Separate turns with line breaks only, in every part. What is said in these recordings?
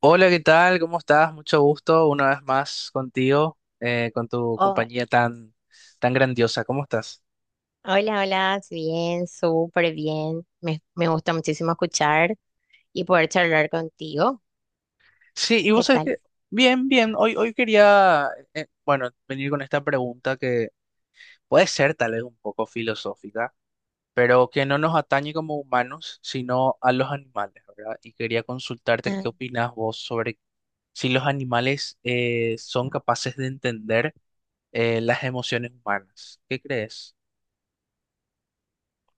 Hola, ¿qué tal? ¿Cómo estás? Mucho gusto una vez más contigo, con tu
Hola,
compañía tan, tan grandiosa. ¿Cómo estás?
hola, hola, bien, súper bien. Me gusta muchísimo escuchar y poder charlar contigo.
Sí, y
¿Qué
vos sabés
tal?
bien, bien, hoy quería, bueno, venir con esta pregunta que puede ser tal vez un poco filosófica, pero que no nos atañe como humanos, sino a los animales, ¿verdad? Y quería consultarte qué
Ah,
opinás vos sobre si los animales son capaces de entender las emociones humanas. ¿Qué crees?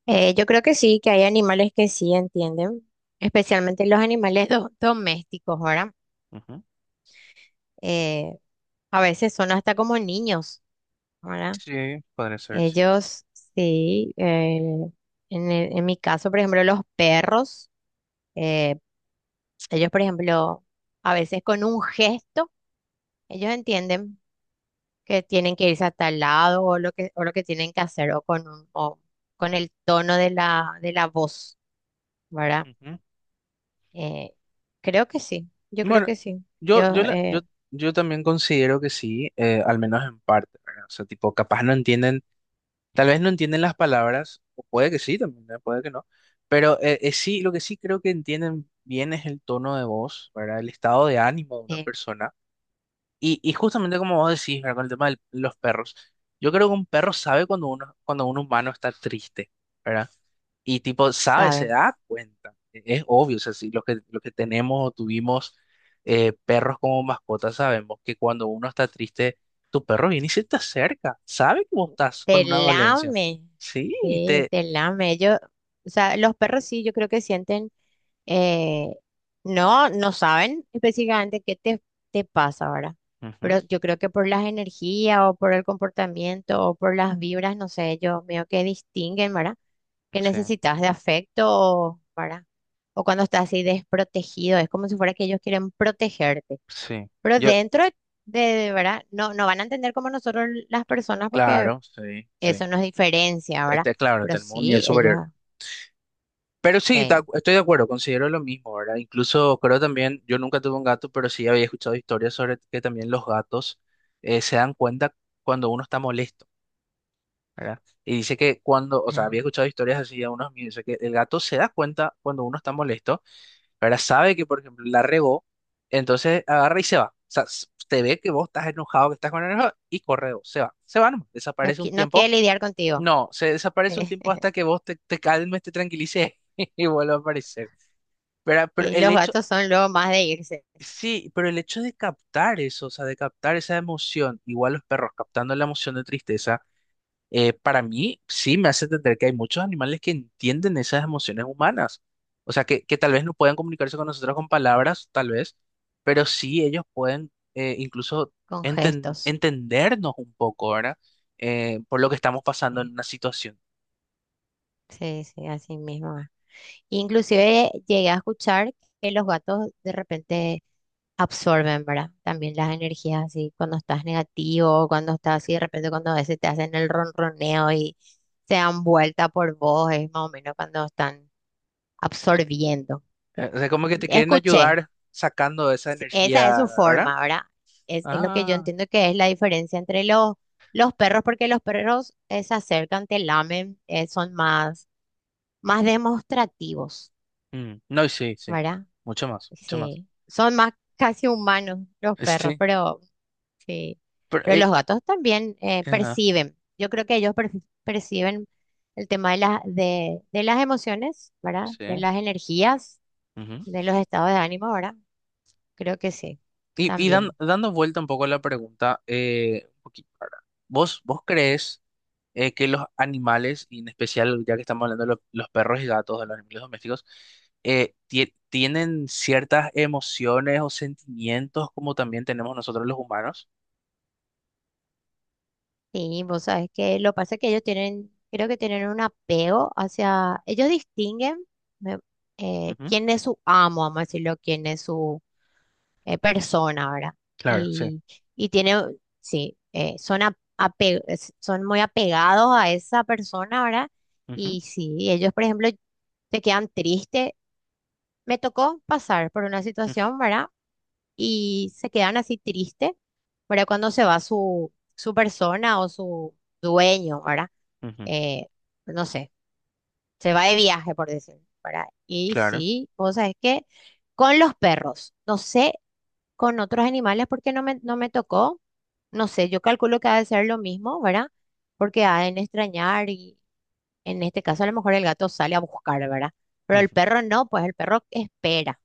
yo creo que sí, que hay animales que sí entienden, especialmente los animales domésticos, ¿verdad? Eh, a veces son hasta como niños, ¿verdad?
Sí, podría ser, sí.
Ellos, sí, en mi caso, por ejemplo, los perros, eh, ellos, por ejemplo, a veces con un gesto, ellos entienden que tienen que irse hasta el lado o lo que tienen que hacer o con el tono de la voz, ¿verdad?
Ujú.
Eh, creo que sí, yo creo
Bueno,
que sí.
yo, yo,
yo
la- yo, yo también considero que sí, al menos en parte, ¿verdad? O sea, tipo, capaz no entienden, tal vez no entienden las palabras, o puede que sí también, ¿verdad? Puede que no, pero sí, lo que sí creo que entienden bien es el tono de voz, ¿verdad? El estado de ánimo de una
eh,
persona. Y justamente como vos decís, ¿verdad? Con el tema de los perros, yo creo que un perro sabe cuando un humano está triste, ¿verdad? Y tipo, sabe, se
Saben.
da cuenta. Es obvio, o sea, si los que, los que tenemos o tuvimos perros como mascotas sabemos que cuando uno está triste, tu perro viene y se te acerca. Sabe que vos estás
Te
con una dolencia.
lame,
Sí,
sí, te lame. Yo, o sea, los perros sí, yo creo que sienten, eh, no, no saben específicamente te pasa ahora,
Ujú,
pero yo creo que por las energías o por el comportamiento o por las vibras, no sé, yo veo que distinguen, ¿verdad? Que
sí,
necesitas de afecto, o, ¿verdad? O cuando estás así desprotegido, es como si fuera que ellos quieren protegerte,
sí.
pero
Yo,
¿verdad? No, no van a entender como nosotros las personas porque…
claro, sí, sí.
Eso nos diferencia, ¿verdad?
Este, claro,
Pero
tenemos un nivel
sí, ellos
superior.
ah,
Pero sí,
se
estoy de acuerdo, considero lo mismo, ¿verdad? Incluso creo también, yo nunca tuve un gato, pero sí había escuchado historias sobre que también los gatos se dan cuenta cuando uno está molesto. ¿Verdad? Y dice que cuando, o sea, había escuchado historias así de unos míos, dice que el gato se da cuenta cuando uno está molesto, ¿verdad? Sabe que, por ejemplo, la regó, entonces agarra y se va. O sea, te ve que vos estás enojado, que estás con enojo, y corre, vos, se va. Se va nomás,
no,
desaparece
qui-
un
no
tiempo.
quieren lidiar contigo.
No, se desaparece un
Eh,
tiempo hasta que vos te, te calmes, te tranquilices y vuelve a aparecer. ¿Verdad? Pero
Y
el
los
hecho,
gatos son luego más de irse
sí, pero el hecho de captar eso, o sea, de captar esa emoción, igual los perros captando la emoción de tristeza para mí sí me hace entender que hay muchos animales que entienden esas emociones humanas. O sea, que tal vez no puedan comunicarse con nosotros con palabras, tal vez, pero sí ellos pueden incluso
con gestos.
entendernos un poco, ¿verdad? Por lo que estamos pasando en
eh,
una situación.
Sí, sí, así mismo es. Inclusive llegué a escuchar que los gatos de repente absorben, ¿verdad? También las energías así cuando estás negativo, cuando estás así, de repente cuando a veces te hacen el ronroneo y se dan vuelta por vos, es más o menos cuando están absorbiendo.
O sea, como que te quieren
Escuché.
ayudar sacando esa
Sí,
energía,
esa es su
¿verdad?
forma, ¿verdad? Es lo que yo
Ah,
entiendo que es la diferencia entre los perros, porque los perros se acercan, te lamen, son más, más demostrativos,
mm, no, y sí, sí.
¿verdad?
Mucho más, mucho más.
Sí, son más casi humanos los perros,
Sí,
pero sí,
pero,
pero los gatos también
ajá,
perciben. Yo creo que ellos perciben el tema de las emociones, ¿verdad?
sí.
De las energías,
Ujú.
de los estados de ánimo, ¿verdad? Creo que sí,
Y
también.
dando vuelta un poco a la pregunta, un poquito, ahora, ¿ vos crees que los animales, y en especial ya que estamos hablando de los perros y gatos, de los animales domésticos, tienen ciertas emociones o sentimientos como también tenemos nosotros los humanos?
Sí, vos sabés que lo que pasa es que ellos tienen, creo que tienen un apego hacia, ellos distinguen me-
Ujú,
quién es su amo, vamos a decirlo, quién es su persona, ¿verdad?
claro, sí.
Y, y tiene, sí, son, a- ape- es- son muy apegados a esa persona, ¿verdad?
Ujú,
Y sí, ellos, por ejemplo, se quedan tristes. Me tocó pasar por una situación, ¿verdad? Y se quedan así tristes, ¿verdad? Cuando se va su, su persona o su dueño, ¿verdad?
ujú, ujú,
eh, no sé, se va de viaje, por decirlo, ¿verdad? Y
claro.
sí, vos sabés que con los perros, no sé, con otros animales porque no me tocó, no sé, yo calculo que ha de ser lo mismo, ¿verdad? Porque ha de extrañar y en este caso a lo mejor el gato sale a buscar, ¿verdad? Pero el
Ujú.
perro no, pues el perro espera.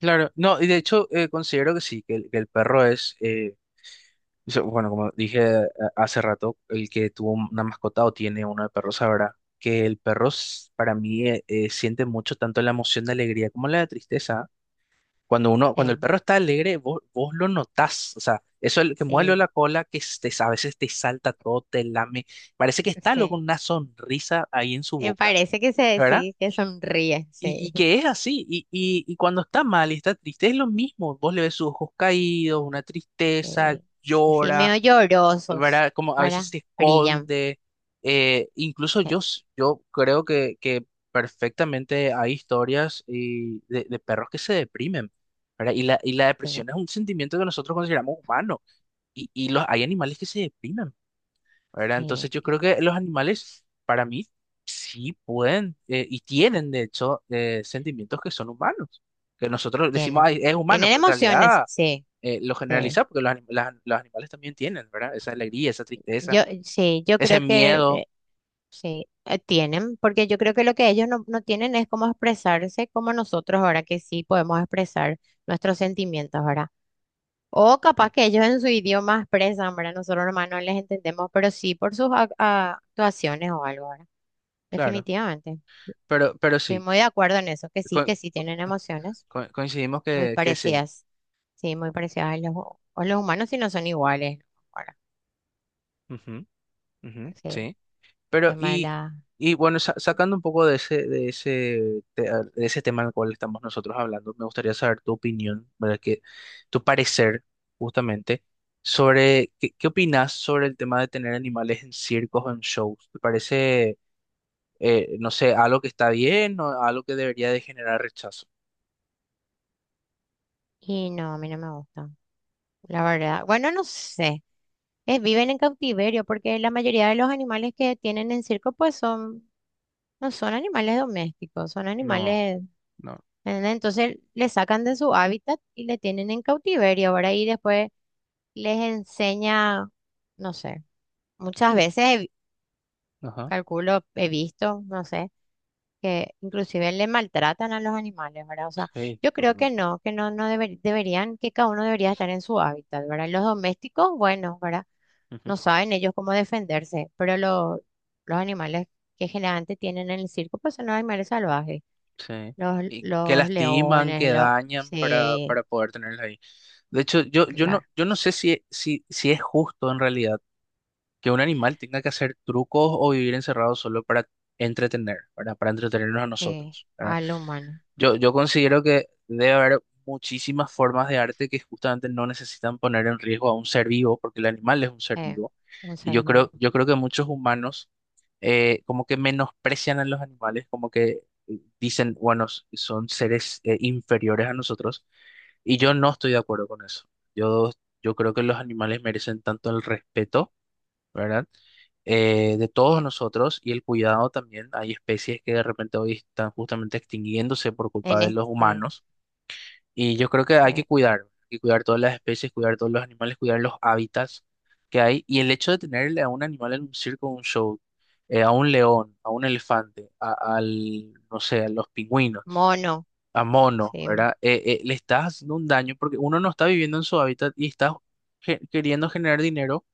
Claro, no, y de hecho considero que sí, que el perro es, so, bueno, como dije hace rato, el que tuvo una mascota o tiene uno de perros sabrá que el perro para mí siente mucho tanto la emoción de alegría como la de tristeza. Cuando
Sí.
el perro está alegre, vos lo notás. O sea, eso el que mueve
eh,
la cola, que a veces te salta todo, te lame. Parece que está
sí.
luego una sonrisa ahí en su
Me
boca,
parece que
¿verdad?
que sonríe,
Y
sí.
que es así. Y cuando está mal y está triste, es lo mismo. Vos le ves sus ojos caídos, una tristeza,
eh, Así
llora
medio llorosos,
¿verdad? Como a veces
¿verdad?
se
Brillan.
esconde. Eh, incluso
Sí,
yo creo que perfectamente hay historias y de perros que se deprimen, ¿verdad? Y la
sí.
depresión es un sentimiento que nosotros consideramos humano. Hay animales que se deprimen, ¿verdad?
Sí,
Entonces yo creo que los animales, para mí, sí pueden y tienen, de hecho, sentimientos que son humanos. Que nosotros decimos,
tienen.
"Ay, es humano,
Tienen
pero en
emociones,
realidad
sí,
lo
sí.
generaliza porque los animales también tienen, ¿verdad? Esa alegría, esa tristeza,
Yo, sí, yo
ese
creo que
miedo,
sí, tienen, porque yo creo que lo que ellos no, no tienen es cómo expresarse como nosotros ahora que sí podemos expresar nuestros sentimientos ahora. O capaz
sí,
que ellos en su idioma expresan, ¿verdad? Nosotros nomás no les entendemos, pero sí por sus actuaciones o algo, ¿verdad?
claro,
Definitivamente.
pero
Estoy
sí,
muy de acuerdo en eso,
co-
que sí tienen emociones
coincidimos
muy
que sí,
parecidas. Sí, muy parecidas a los, hu- o los humanos si no son iguales, ¿no? Ahora,
ujú, ujú.
sí,
Sí,
el
pero
tema de la…
y bueno, sacando un poco de de ese tema al cual estamos nosotros hablando, me gustaría saber tu opinión, ¿verdad? Que, tu parecer, justamente, sobre, ¿qué, qué opinas sobre el tema de tener animales en circos o en shows? ¿Te parece, no sé, algo que está bien o algo que debería de generar rechazo?
Y no, a mí no me gusta, la verdad. Bueno, no sé, es, viven en cautiverio porque la mayoría de los animales que tienen en circo pues son, no son animales domésticos, son
No,
animales…
no.
¿Entendés? Entonces le sacan de su hábitat y le tienen en cautiverio, ahora. Y después les enseña, no sé, muchas veces
Ajá.
calculo, he visto, no sé que inclusive le maltratan a los animales, ¿verdad? O sea,
Sí,
yo creo
totalmente.
que no, no deberían, que cada uno debería estar en su hábitat, ¿verdad? Los domésticos, bueno, ¿verdad?
Ujú,
No saben ellos cómo defenderse, pero los animales que generalmente tienen en el circo, pues son los animales salvajes,
sí. Y que
los
lastiman, que
leones, los…
dañan
Sí,
para poder tenerlos ahí. De hecho,
claro,
yo no sé si es justo en realidad que un animal tenga que hacer trucos o vivir encerrado solo para entretener, ¿verdad? Para entretenernos a
eh,
nosotros, ¿verdad?
al humano,
Yo considero que debe haber muchísimas formas de arte que justamente no necesitan poner en riesgo a un ser vivo, porque el animal es un ser
eh,
vivo.
un ser vivo.
Yo creo que muchos humanos como que menosprecian a los animales, como que dicen, bueno, son seres inferiores a nosotros. Y yo no estoy de acuerdo con eso. Yo, yo creo que los animales merecen tanto el respeto, ¿verdad? De todos
eh,
nosotros y el cuidado también. Hay especies que de repente hoy están justamente extinguiéndose por culpa
en
de los
este,
humanos y yo creo que
sí,
hay que cuidar todas las especies, cuidar todos los animales, cuidar los hábitats que hay y el hecho de tenerle a un animal en un circo, un show, a un león, a un elefante, no sé, a los pingüinos,
mono,
a monos,
sí,
¿verdad? Le estás haciendo un daño porque uno no está viviendo en su hábitat y está queriendo generar dinero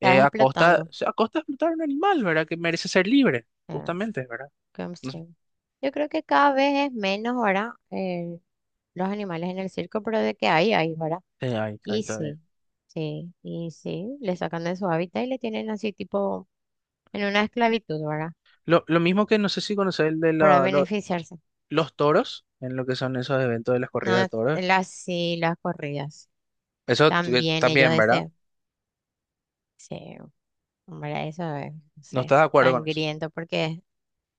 a costa,
explotando.
o sea, a costa de explotar un animal, ¿verdad? Que merece ser libre,
Eh.
justamente, ¿verdad?
Como sí. Yo creo que cada vez es menos ahora los animales en el circo, pero de que hay, ¿verdad?
Ahí, ahí
Y
todavía.
sí, sí, y sí, le sacan de su hábitat y le tienen así tipo en una esclavitud, ¿verdad?
Lo mismo que no sé si conoces el de
Para
la- lo-
beneficiarse.
los toros, en lo que son esos eventos de las corridas de
No,
toros.
las sí, las corridas.
Eso
También ellos
también, ¿verdad?
desean. Sí, hombre, eso es, no
No
sé,
estás de acuerdo con eso.
sangriento porque…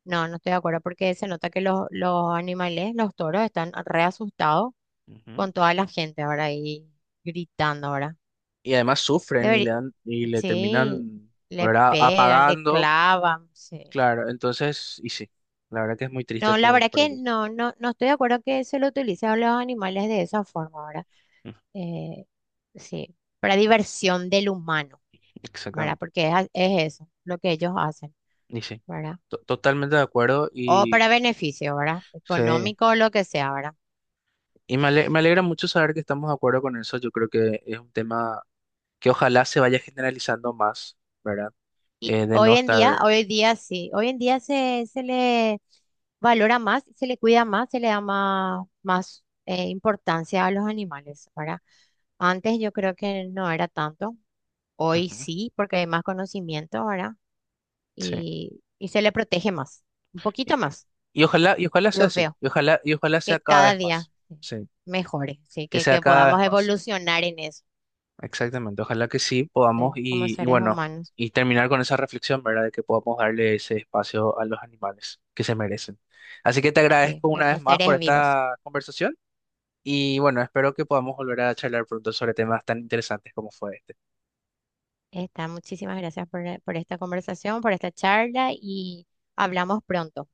No, no estoy de acuerdo porque se nota que los animales, los toros, están re asustados
Ujú.
con toda la gente ahora ahí gritando ahora.
Y además sufren
Debería,
y le
sí,
terminan,
le
¿verdad?
pegan, le
Apagando,
clavan, sí.
claro. Entonces, y sí, la verdad que es muy triste
No, la verdad
por
que
eso.
no, no, no estoy de acuerdo que se lo utilice a los animales de esa forma ahora.
Mm.
Eh, sí, para diversión del humano, ¿verdad?
Exactamente.
Porque es, es eso lo que ellos hacen,
Y sí,
¿verdad?
totalmente de acuerdo
O
y
para beneficio, ¿verdad?
sí.
Económico o lo que sea, ¿verdad?
Y me alegra mucho saber que estamos de acuerdo con eso. Yo creo que es un tema que ojalá se vaya generalizando más, ¿verdad?
Y
De no
hoy en día,
estar...
hoy día sí, hoy en día se, se le valora más, se le cuida más, se le da más, más importancia a los animales, ¿verdad? Antes yo creo que no era tanto, hoy
Ujú,
sí, porque hay más conocimiento, ¿verdad?
sí.
Y se le protege más, un poquito
Y,
más,
y ojalá, y ojalá sea
yo
así.
veo,
Y ojalá sea
que
cada
cada
vez
día
más. Sí.
mejore, ¿sí?
Que sea
Que
cada vez
podamos
más.
evolucionar en eso,
Exactamente. Ojalá que sí podamos
¿sí? Como
y
seres
bueno,
humanos,
y terminar con esa reflexión, ¿verdad? De que podamos darle ese espacio a los animales que se merecen. Así que te
¿sí?
agradezco
Que
una vez
son
más por
seres vivos.
esta conversación y bueno, espero que podamos volver a charlar pronto sobre temas tan interesantes como fue este.
Está, muchísimas gracias por esta conversación, por esta charla y hablamos pronto.